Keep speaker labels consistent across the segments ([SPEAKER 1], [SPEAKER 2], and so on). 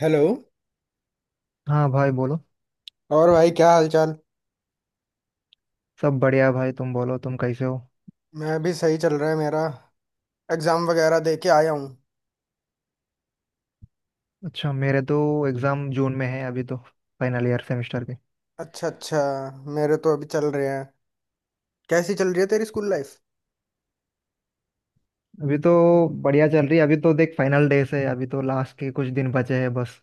[SPEAKER 1] Hello.
[SPEAKER 2] हाँ भाई बोलो।
[SPEAKER 1] और भाई क्या हाल चाल।
[SPEAKER 2] सब बढ़िया भाई। तुम बोलो, तुम कैसे हो?
[SPEAKER 1] मैं भी सही चल रहा है मेरा। एग्जाम वगैरह दे के आया हूँ।
[SPEAKER 2] अच्छा, मेरे तो एग्जाम जून में है अभी तो, फाइनल ईयर सेमेस्टर के।
[SPEAKER 1] अच्छा अच्छा। मेरे तो अभी चल रहे हैं। कैसी चल रही है तेरी स्कूल लाइफ।
[SPEAKER 2] अभी तो बढ़िया चल रही है। अभी तो देख, फाइनल डेज है, अभी तो लास्ट के कुछ दिन बचे हैं बस।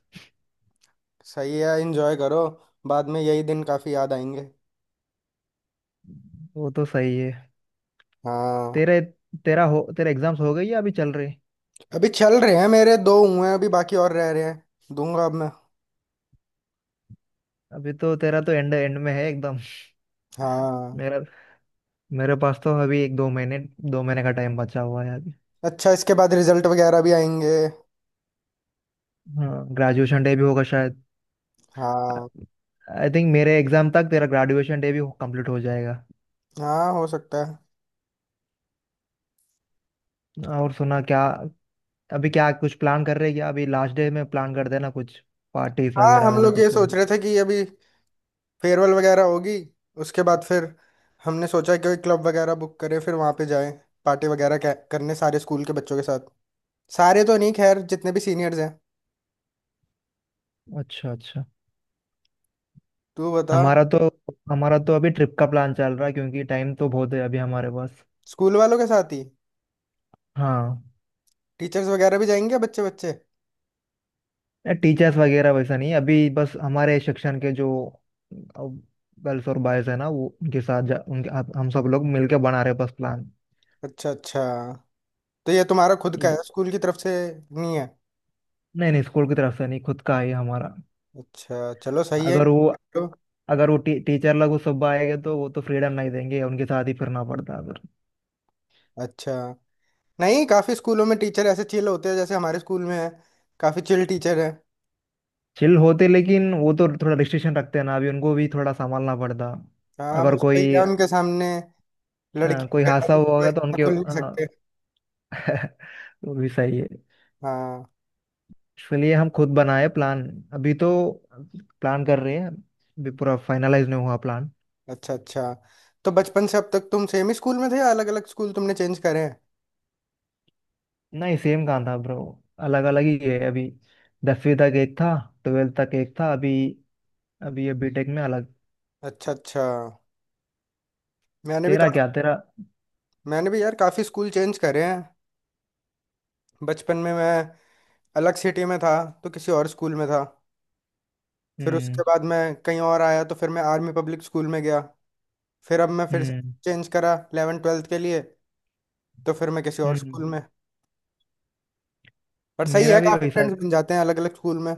[SPEAKER 1] सही है एंजॉय करो। बाद में यही दिन काफी याद आएंगे।
[SPEAKER 2] वो तो सही है।
[SPEAKER 1] हाँ।
[SPEAKER 2] तेरे तेरा हो तेरा एग्जाम्स हो गई या अभी चल रही?
[SPEAKER 1] अभी चल रहे हैं मेरे दो हुए हैं अभी बाकी और रह रहे हैं दूंगा अब मैं।
[SPEAKER 2] अभी तो तेरा तो एंड एंड में है एकदम।
[SPEAKER 1] हाँ।
[SPEAKER 2] मेरा मेरे पास तो अभी 1-2 महीने, 2 महीने का टाइम बचा हुआ है अभी।
[SPEAKER 1] अच्छा इसके बाद रिजल्ट वगैरह भी आएंगे।
[SPEAKER 2] हाँ, ग्रेजुएशन डे भी होगा शायद।
[SPEAKER 1] हाँ।
[SPEAKER 2] आई थिंक मेरे एग्जाम तक तेरा ग्रेजुएशन डे भी कंप्लीट हो जाएगा।
[SPEAKER 1] हाँ हो सकता है।
[SPEAKER 2] और सुना क्या? अभी क्या कुछ प्लान कर रहे हैं क्या? अभी लास्ट डे में प्लान कर देना कुछ, पार्टी
[SPEAKER 1] हाँ
[SPEAKER 2] वगैरह
[SPEAKER 1] हम
[SPEAKER 2] वगैरह
[SPEAKER 1] लोग
[SPEAKER 2] कुछ
[SPEAKER 1] ये
[SPEAKER 2] प्लान।
[SPEAKER 1] सोच रहे थे कि अभी फेयरवेल वगैरह होगी। उसके बाद फिर हमने सोचा कि क्लब वगैरह बुक करें फिर वहाँ पे जाएं। पार्टी वगैरह करने सारे स्कूल के बच्चों के साथ। सारे तो नहीं खैर जितने भी सीनियर्स हैं।
[SPEAKER 2] अच्छा अच्छा।
[SPEAKER 1] तू बता।
[SPEAKER 2] हमारा तो हमारा तो अभी ट्रिप का प्लान चल रहा है, क्योंकि टाइम तो बहुत है अभी हमारे पास।
[SPEAKER 1] स्कूल वालों के साथ ही।
[SPEAKER 2] हाँ।
[SPEAKER 1] टीचर्स वगैरह भी जाएंगे बच्चे बच्चे।
[SPEAKER 2] टीचर्स वगैरह वैसा नहीं, अभी बस हमारे सेक्शन के जो गर्ल्स और बॉयज है ना, वो उनके साथ जा, उनके आप- हम सब लोग मिलके बना रहे हैं बस प्लान।
[SPEAKER 1] अच्छा अच्छा। तो ये तुम्हारा खुद का है
[SPEAKER 2] इब-
[SPEAKER 1] स्कूल की तरफ से नहीं है।
[SPEAKER 2] नहीं नहीं, स्कूल की तरफ से नहीं, खुद का है हमारा।
[SPEAKER 1] अच्छा चलो सही है।
[SPEAKER 2] अगर वो
[SPEAKER 1] तो
[SPEAKER 2] अगर वो टीचर लोग वो सब आएंगे तो वो तो फ्रीडम नहीं देंगे, उनके साथ ही फिरना पड़ता है।
[SPEAKER 1] अच्छा। नहीं काफ़ी स्कूलों में टीचर ऐसे चिल होते हैं जैसे हमारे स्कूल में है। काफ़ी चिल टीचर है।
[SPEAKER 2] चिल होते, लेकिन वो तो थोड़ा रिस्ट्रिक्शन रखते हैं ना, अभी उनको भी थोड़ा संभालना पड़ता।
[SPEAKER 1] हाँ
[SPEAKER 2] अगर
[SPEAKER 1] बस वही
[SPEAKER 2] कोई
[SPEAKER 1] है
[SPEAKER 2] अ,
[SPEAKER 1] उनके सामने। लड़की
[SPEAKER 2] कोई
[SPEAKER 1] के
[SPEAKER 2] हादसा
[SPEAKER 1] हाथ में
[SPEAKER 2] हुआ होगा तो
[SPEAKER 1] तो
[SPEAKER 2] उनके
[SPEAKER 1] खुल नहीं सकते।
[SPEAKER 2] वो भी सही है।
[SPEAKER 1] हाँ।
[SPEAKER 2] इसलिए हम खुद बनाए प्लान। अभी तो प्लान कर रहे हैं, अभी पूरा फाइनलाइज नहीं हुआ प्लान।
[SPEAKER 1] अच्छा अच्छा। तो बचपन से अब तक तुम सेम ही स्कूल में थे या अलग अलग स्कूल तुमने चेंज करे हैं।
[SPEAKER 2] नहीं, सेम कहाँ था ब्रो। अलग अलग ही है अभी। 10वीं तक एक था। ट्वेल्थ तक एक था। अभी अभी ये बीटेक में अलग।
[SPEAKER 1] अच्छा अच्छा। मैंने भी
[SPEAKER 2] तेरा
[SPEAKER 1] का,
[SPEAKER 2] क्या, तेरा?
[SPEAKER 1] मैंने भी यार काफ़ी स्कूल चेंज करे हैं। बचपन में मैं अलग सिटी में था। तो किसी और स्कूल में था। फिर उसके
[SPEAKER 2] हम्म
[SPEAKER 1] बाद मैं कहीं और आया तो फिर मैं आर्मी पब्लिक स्कूल में गया। फिर अब मैं फिर से
[SPEAKER 2] हम्म
[SPEAKER 1] चेंज करा 11 ट्वेल्थ के लिए। तो फिर मैं किसी और
[SPEAKER 2] हम्म।
[SPEAKER 1] स्कूल में। पर सही है
[SPEAKER 2] मेरा भी
[SPEAKER 1] काफ़ी
[SPEAKER 2] वैसा।
[SPEAKER 1] फ्रेंड्स बन जाते हैं अलग अलग स्कूल में।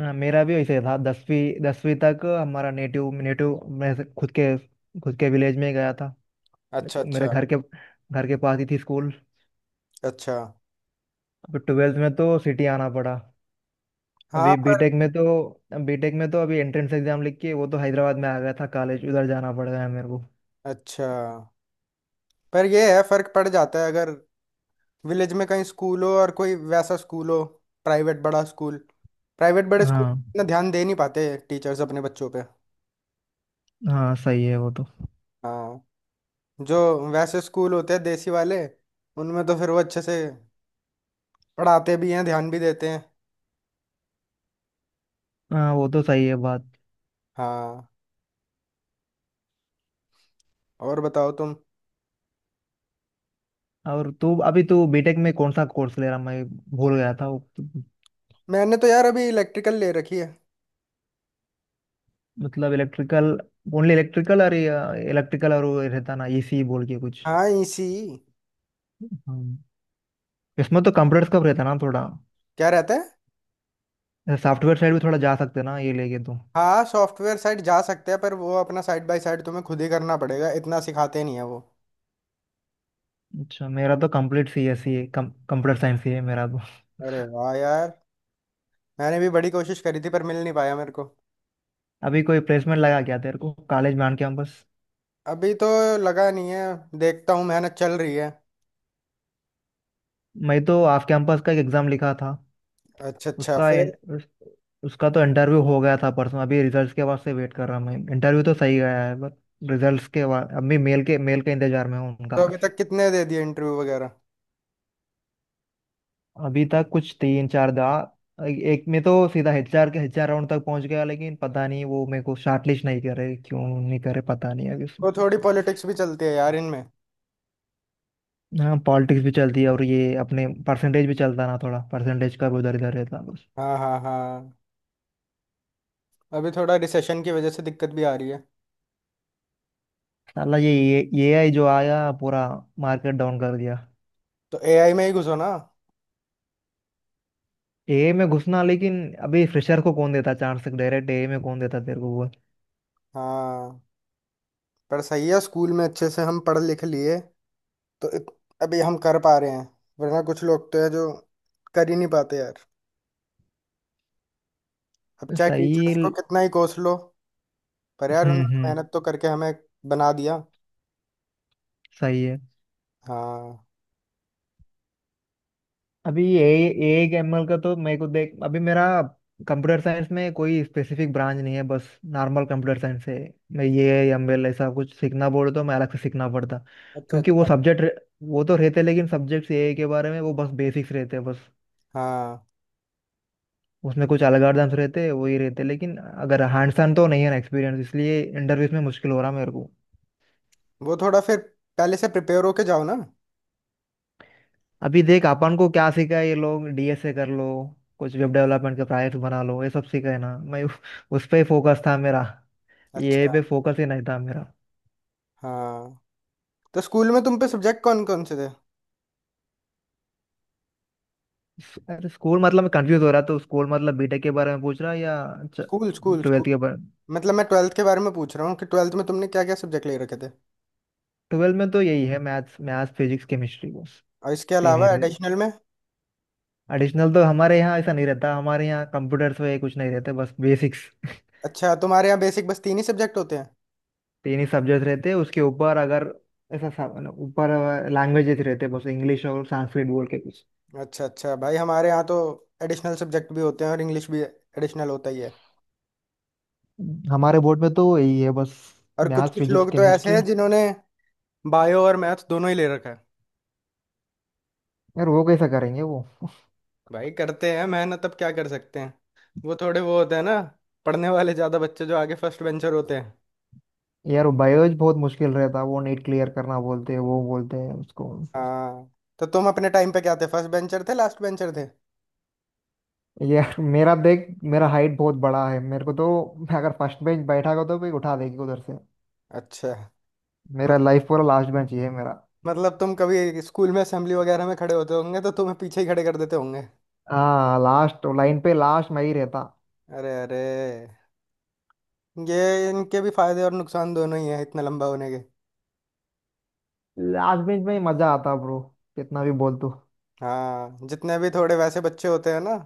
[SPEAKER 2] हाँ, मेरा भी वैसे था। दसवीं दसवीं तक हमारा नेटिव नेटिव मैं से- खुद के खुद के विलेज में ही गया था।
[SPEAKER 1] अच्छा अच्छा।
[SPEAKER 2] मेरे घर के पास ही थी स्कूल।
[SPEAKER 1] अच्छा।
[SPEAKER 2] अभी 12th में तो सिटी आना पड़ा।
[SPEAKER 1] हाँ
[SPEAKER 2] अभी
[SPEAKER 1] पर।
[SPEAKER 2] बीटेक में तो, अभी एंट्रेंस एग्जाम लिख के, वो तो हैदराबाद में आ गया था कॉलेज, उधर जाना पड़ गया मेरे को।
[SPEAKER 1] अच्छा। पर ये है फर्क पड़ जाता है अगर विलेज में कहीं स्कूल हो और कोई वैसा स्कूल हो। प्राइवेट बड़ा स्कूल। प्राइवेट बड़े स्कूल
[SPEAKER 2] हाँ
[SPEAKER 1] इतना ध्यान दे नहीं पाते टीचर्स अपने बच्चों पे।
[SPEAKER 2] हाँ, सही है वो तो।
[SPEAKER 1] हाँ। जो वैसे स्कूल होते हैं देसी वाले उनमें तो फिर वो अच्छे से पढ़ाते भी हैं ध्यान भी देते हैं।
[SPEAKER 2] हाँ, वो तो सही है बात।
[SPEAKER 1] हाँ। और बताओ तुम।
[SPEAKER 2] और तू, अभी तू बीटेक में कौन सा कोर्स ले रहा? मैं भूल गया था
[SPEAKER 1] मैंने तो यार अभी इलेक्ट्रिकल ले रखी है।
[SPEAKER 2] मतलब इलेक्ट्रिकल, ओनली इलेक्ट्रिकल। और इलेक्ट्रिकल, और वो रहता ना AC बोल के कुछ?
[SPEAKER 1] हाँ इसी।
[SPEAKER 2] हम्म। इसमें तो कंप्यूटर्स का भी रहता है ना थोड़ा?
[SPEAKER 1] क्या रहता है।
[SPEAKER 2] सॉफ्टवेयर साइड भी थोड़ा जा सकते हैं ना ये लेके तो?
[SPEAKER 1] हाँ सॉफ्टवेयर साइड जा सकते हैं पर वो अपना साइड बाय साइड तुम्हें खुद ही करना पड़ेगा इतना सिखाते नहीं है वो।
[SPEAKER 2] अच्छा, मेरा तो कंप्लीट CSC है, कंप्यूटर साइंस ही है मेरा तो।
[SPEAKER 1] अरे वाह यार। मैंने भी बड़ी कोशिश करी थी पर मिल नहीं पाया मेरे को।
[SPEAKER 2] अभी कोई प्लेसमेंट लगा क्या तेरे को कॉलेज में, ऑन कैंपस?
[SPEAKER 1] अभी तो लगा नहीं है। देखता हूँ मेहनत चल रही है।
[SPEAKER 2] मैं तो ऑफ कैंपस का एक एग्जाम लिखा था।
[SPEAKER 1] अच्छा अच्छा
[SPEAKER 2] उसका
[SPEAKER 1] फिर।
[SPEAKER 2] इन- उस, उसका तो इंटरव्यू हो गया था परसों, अभी रिजल्ट्स के वास्ते वेट कर रहा हूँ मैं। इंटरव्यू तो सही गया है बट, रिजल्ट्स के बाद अभी मेल के इंतजार में हूँ उनका।
[SPEAKER 1] तो अभी तक कितने दे दिए इंटरव्यू वगैरह।
[SPEAKER 2] अभी तक कुछ तीन चार दा एक में तो सीधा HR राउंड तक पहुंच गया, लेकिन पता नहीं वो मेरे को शॉर्टलिस्ट नहीं करे क्यों, नहीं करे पता नहीं अभी उसमें।
[SPEAKER 1] तो थोड़ी पॉलिटिक्स भी चलती है यार इनमें।
[SPEAKER 2] हाँ, पॉलिटिक्स भी चलती है, और ये अपने परसेंटेज भी चलता ना थोड़ा, परसेंटेज का भी उधर इधर रहता बस।
[SPEAKER 1] हाँ हाँ हाँ। अभी थोड़ा रिसेशन की वजह से दिक्कत भी आ रही है।
[SPEAKER 2] साला, ये AI जो आया पूरा मार्केट डाउन कर दिया।
[SPEAKER 1] तो एआई में ही घुसो ना।
[SPEAKER 2] एआई में घुसना, लेकिन अभी फ्रेशर को कौन देता चांस? डायरेक्ट AI में कौन देता तेरे को वो?
[SPEAKER 1] हाँ। पर सही है स्कूल में अच्छे से हम पढ़ लिख लिए तो अभी हम कर पा रहे हैं। वरना कुछ लोग तो है जो कर ही नहीं पाते यार। अब चाहे टीचर्स
[SPEAKER 2] सही।
[SPEAKER 1] को कितना ही कोस लो पर यार उन्होंने
[SPEAKER 2] हम्म।
[SPEAKER 1] मेहनत तो करके हमें बना दिया।
[SPEAKER 2] सही है।
[SPEAKER 1] हाँ।
[SPEAKER 2] अभी ए ए एमएल का तो मेरे को देख, अभी मेरा कंप्यूटर साइंस में कोई स्पेसिफिक ब्रांच नहीं है, बस नॉर्मल कंप्यूटर साइंस है। मैं ये ML ऐसा कुछ सीखना बोले तो मैं अलग से सीखना पड़ता,
[SPEAKER 1] अच्छा
[SPEAKER 2] क्योंकि वो
[SPEAKER 1] अच्छा।
[SPEAKER 2] सब्जेक्ट, वो तो रहते लेकिन सब्जेक्ट्स, AI के बारे में वो बस बेसिक्स रहते हैं बस।
[SPEAKER 1] हाँ
[SPEAKER 2] उसमें कुछ अलग अर्धम्स रहते हैं, वही रहते हैं। लेकिन अगर हैंड्स ऑन तो नहीं है ना एक्सपीरियंस, इसलिए इंटरव्यूज में मुश्किल हो रहा मेरे को।
[SPEAKER 1] वो थोड़ा फिर पहले से प्रिपेयर होके जाओ ना।
[SPEAKER 2] अभी देख, अपन को क्या सीखा है ये लोग, DSA कर लो, कुछ वेब डेवलपमेंट के प्रोजेक्ट बना लो, ये सब सीखा है ना मैं। उस पे ही फोकस था मेरा। ये
[SPEAKER 1] अच्छा।
[SPEAKER 2] पे फोकस ही नहीं था मेरा।
[SPEAKER 1] हाँ। तो स्कूल में तुम पे सब्जेक्ट कौन कौन से थे।
[SPEAKER 2] अरे, स्कूल मतलब मैं कंफ्यूज हो रहा, तो स्कूल मतलब बीटेक के बारे में पूछ रहा है या
[SPEAKER 1] स्कूल स्कूल
[SPEAKER 2] 12th
[SPEAKER 1] स्कूल
[SPEAKER 2] के बारे?
[SPEAKER 1] मतलब मैं ट्वेल्थ के बारे में पूछ रहा हूँ कि ट्वेल्थ में तुमने क्या क्या सब्जेक्ट ले रखे थे।
[SPEAKER 2] ट्वेल्थ में तो यही है, मैथ्स मैथ्स फिजिक्स केमिस्ट्री बस।
[SPEAKER 1] और इसके
[SPEAKER 2] तीन ही
[SPEAKER 1] अलावा
[SPEAKER 2] थे।
[SPEAKER 1] एडिशनल में।
[SPEAKER 2] एडिशनल तो हमारे यहाँ ऐसा नहीं रहता, हमारे यहाँ कंप्यूटर्स वगैरह कुछ नहीं रहते, बस बेसिक्स।
[SPEAKER 1] अच्छा तुम्हारे यहाँ बेसिक बस तीन ही सब्जेक्ट होते हैं।
[SPEAKER 2] तीन ही सब्जेक्ट रहते, उसके ऊपर अगर ऐसा ना, ऊपर लैंग्वेजेस रहते बस, इंग्लिश और संस्कृत बोल के कुछ।
[SPEAKER 1] अच्छा अच्छा भाई हमारे यहाँ तो एडिशनल सब्जेक्ट भी होते हैं और इंग्लिश भी एडिशनल होता ही है।
[SPEAKER 2] हमारे बोर्ड में तो यही है बस,
[SPEAKER 1] और कुछ
[SPEAKER 2] मैथ्स
[SPEAKER 1] कुछ
[SPEAKER 2] फिजिक्स
[SPEAKER 1] लोग तो ऐसे
[SPEAKER 2] केमिस्ट्री।
[SPEAKER 1] हैं जिन्होंने बायो और मैथ दोनों ही ले रखा है।
[SPEAKER 2] यार वो कैसा करेंगे वो?
[SPEAKER 1] भाई करते हैं मेहनत अब क्या कर सकते हैं। वो थोड़े वो होते हैं ना पढ़ने वाले ज्यादा बच्चे जो आगे फर्स्ट बेंचर होते हैं।
[SPEAKER 2] यार बायोलॉजी बहुत मुश्किल रहता, वो नीट क्लियर करना बोलते हैं, वो बोलते हैं उसको।
[SPEAKER 1] हाँ। तो तुम अपने टाइम पे क्या थे फर्स्ट बेंचर थे लास्ट बेंचर थे।
[SPEAKER 2] यार मेरा देख, मेरा हाइट बहुत बड़ा है, मेरे को तो मैं अगर फर्स्ट बेंच बैठा हो तो भी उठा देगी उधर से।
[SPEAKER 1] अच्छा।
[SPEAKER 2] मेरा
[SPEAKER 1] मत,
[SPEAKER 2] लाइफ पूरा लास्ट बेंच ही है मेरा।
[SPEAKER 1] मतलब तुम कभी स्कूल में असेंबली वगैरह में खड़े होते होंगे तो तुम्हें पीछे ही खड़े कर देते होंगे।
[SPEAKER 2] हाँ, लास्ट लाइन पे लास्ट मैं ही रहता।
[SPEAKER 1] अरे अरे। ये इनके भी फायदे और नुकसान दोनों ही हैं इतना लंबा होने के।
[SPEAKER 2] लास्ट बेंच में ही मजा आता ब्रो, कितना भी बोल तू।
[SPEAKER 1] हाँ जितने भी थोड़े वैसे बच्चे होते हैं ना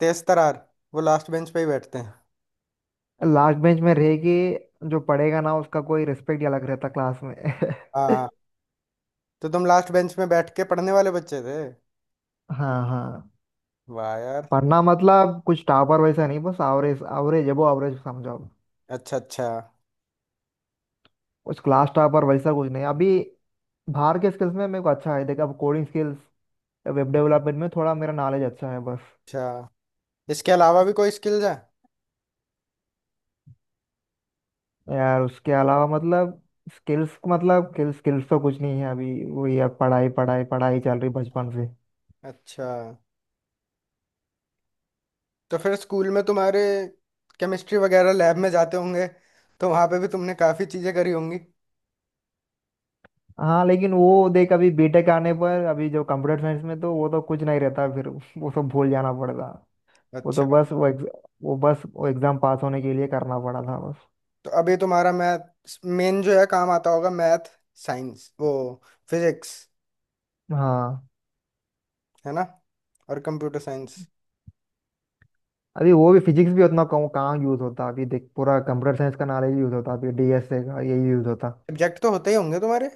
[SPEAKER 1] तेज तरार वो लास्ट बेंच पे ही बैठते हैं।
[SPEAKER 2] लास्ट बेंच में रहेगी, जो पढ़ेगा ना उसका कोई रिस्पेक्ट ही अलग रहता क्लास में।
[SPEAKER 1] हाँ। तो तुम लास्ट बेंच में बैठ के पढ़ने वाले बच्चे थे।
[SPEAKER 2] हाँ हाँ।
[SPEAKER 1] वाह यार।
[SPEAKER 2] पढ़ना मतलब कुछ टॉपर वैसा नहीं, बस एवरेज एवरेज एबो एवरेज समझो।
[SPEAKER 1] अच्छा अच्छा।
[SPEAKER 2] कुछ क्लास टॉपर वैसा कुछ नहीं अभी। बाहर के स्किल्स में मेरे को अच्छा है देखा, अब कोडिंग स्किल्स, वेब डेवलपमेंट में थोड़ा मेरा नॉलेज अच्छा है बस।
[SPEAKER 1] अच्छा इसके अलावा भी कोई स्किल्स है।
[SPEAKER 2] यार उसके अलावा मतलब, स्किल्स मतलब, स्किल्स स्किल्स तो कुछ नहीं है अभी वो, यार पढ़ाई पढ़ाई पढ़ाई चल रही बचपन।
[SPEAKER 1] अच्छा। तो फिर स्कूल में तुम्हारे केमिस्ट्री वगैरह लैब में जाते होंगे तो वहाँ पे भी तुमने काफ़ी चीज़ें करी होंगी।
[SPEAKER 2] हाँ लेकिन वो देख, अभी बीटेक आने पर, अभी जो कंप्यूटर साइंस में तो वो तो कुछ नहीं रहता फिर। वो सब भूल जाना पड़ता। वो
[SPEAKER 1] अच्छा।
[SPEAKER 2] तो बस वो एग्ज- वो बस वो एग्जाम पास होने के लिए करना पड़ा था बस।
[SPEAKER 1] तो अभी तुम्हारा मैथ मेन जो है काम आता होगा। मैथ साइंस वो फिजिक्स
[SPEAKER 2] हाँ,
[SPEAKER 1] है ना। और कंप्यूटर साइंस।
[SPEAKER 2] अभी वो भी फिजिक्स भी उतना कम कहाँ यूज होता, अभी देख पूरा कंप्यूटर साइंस का नॉलेज यूज होता, अभी DSA का यही यूज होता।
[SPEAKER 1] सब्जेक्ट तो होते ही होंगे तुम्हारे।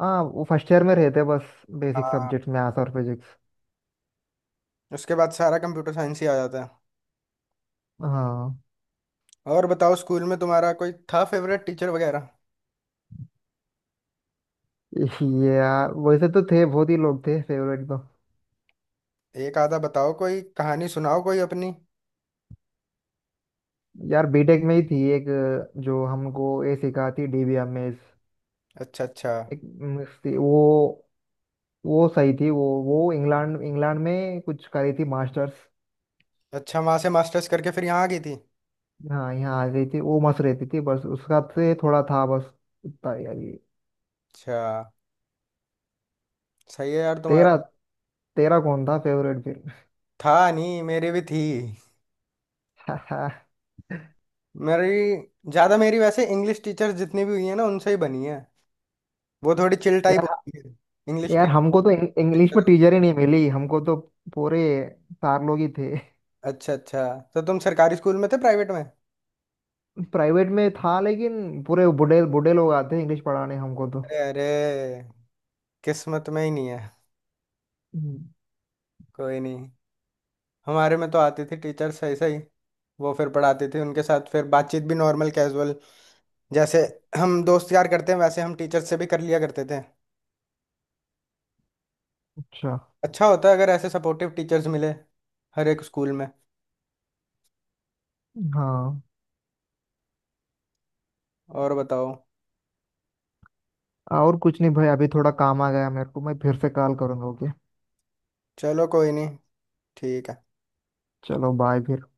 [SPEAKER 2] हाँ, वो फर्स्ट ईयर में रहते बस, बेसिक
[SPEAKER 1] हाँ।
[SPEAKER 2] सब्जेक्ट मैथ्स और फिजिक्स।
[SPEAKER 1] उसके बाद सारा कंप्यूटर साइंस ही आ जाता है।
[SPEAKER 2] हाँ।
[SPEAKER 1] और बताओ स्कूल में तुम्हारा कोई था फेवरेट टीचर वगैरह।
[SPEAKER 2] ये यार, वैसे तो थे, बहुत ही लोग थे फेवरेट तो।
[SPEAKER 1] एक आधा बताओ कोई कहानी सुनाओ कोई अपनी।
[SPEAKER 2] यार बीटेक में ही थी एक, जो हमको ये सिखाती थी DBMS।
[SPEAKER 1] अच्छा अच्छा।
[SPEAKER 2] एक मिस्टी, वो सही थी, वो इंग्लैंड इंग्लैंड में कुछ करी थी मास्टर्स।
[SPEAKER 1] अच्छा वहां से मास्टर्स करके फिर यहाँ आ गई थी।
[SPEAKER 2] हाँ, यहाँ आ गई थी, वो मस्त रहती थी बस, उसका से थोड़ा था बस उतना ही। यार ये,
[SPEAKER 1] अच्छा। सही है यार तुम्हारा।
[SPEAKER 2] तेरा तेरा कौन था फेवरेट फिर?
[SPEAKER 1] था नहीं मेरी भी थी। मेरी ज्यादा मेरी वैसे इंग्लिश टीचर्स जितनी भी हुई है ना उनसे ही बनी है। वो थोड़ी चिल टाइप
[SPEAKER 2] यार,
[SPEAKER 1] होती है। इंग्लिश के।
[SPEAKER 2] यार हमको तो इंग्लिश में टीचर ही नहीं मिली हमको तो। पूरे चार लोग ही थे।
[SPEAKER 1] अच्छा अच्छा। तो तुम सरकारी स्कूल में थे प्राइवेट में।
[SPEAKER 2] प्राइवेट में था, लेकिन पूरे बूढ़े बूढ़े लोग आते इंग्लिश पढ़ाने हमको तो।
[SPEAKER 1] अरे अरे। किस्मत में ही नहीं है।
[SPEAKER 2] हम्म,
[SPEAKER 1] कोई नहीं। हमारे में तो आती थी टीचर्स ऐसे ही। वो फिर पढ़ाती थी उनके साथ फिर बातचीत भी नॉर्मल कैजुअल। जैसे हम दोस्त यार करते हैं वैसे हम टीचर से भी कर लिया करते थे।
[SPEAKER 2] अच्छा,
[SPEAKER 1] अच्छा होता है अगर ऐसे सपोर्टिव टीचर्स मिले हर एक स्कूल में।
[SPEAKER 2] हाँ।
[SPEAKER 1] और बताओ।
[SPEAKER 2] और कुछ नहीं भाई, अभी थोड़ा काम आ गया मेरे को, मैं फिर से कॉल करूंगा, ओके?
[SPEAKER 1] चलो कोई नहीं। ठीक है।
[SPEAKER 2] चलो, बाय फिर।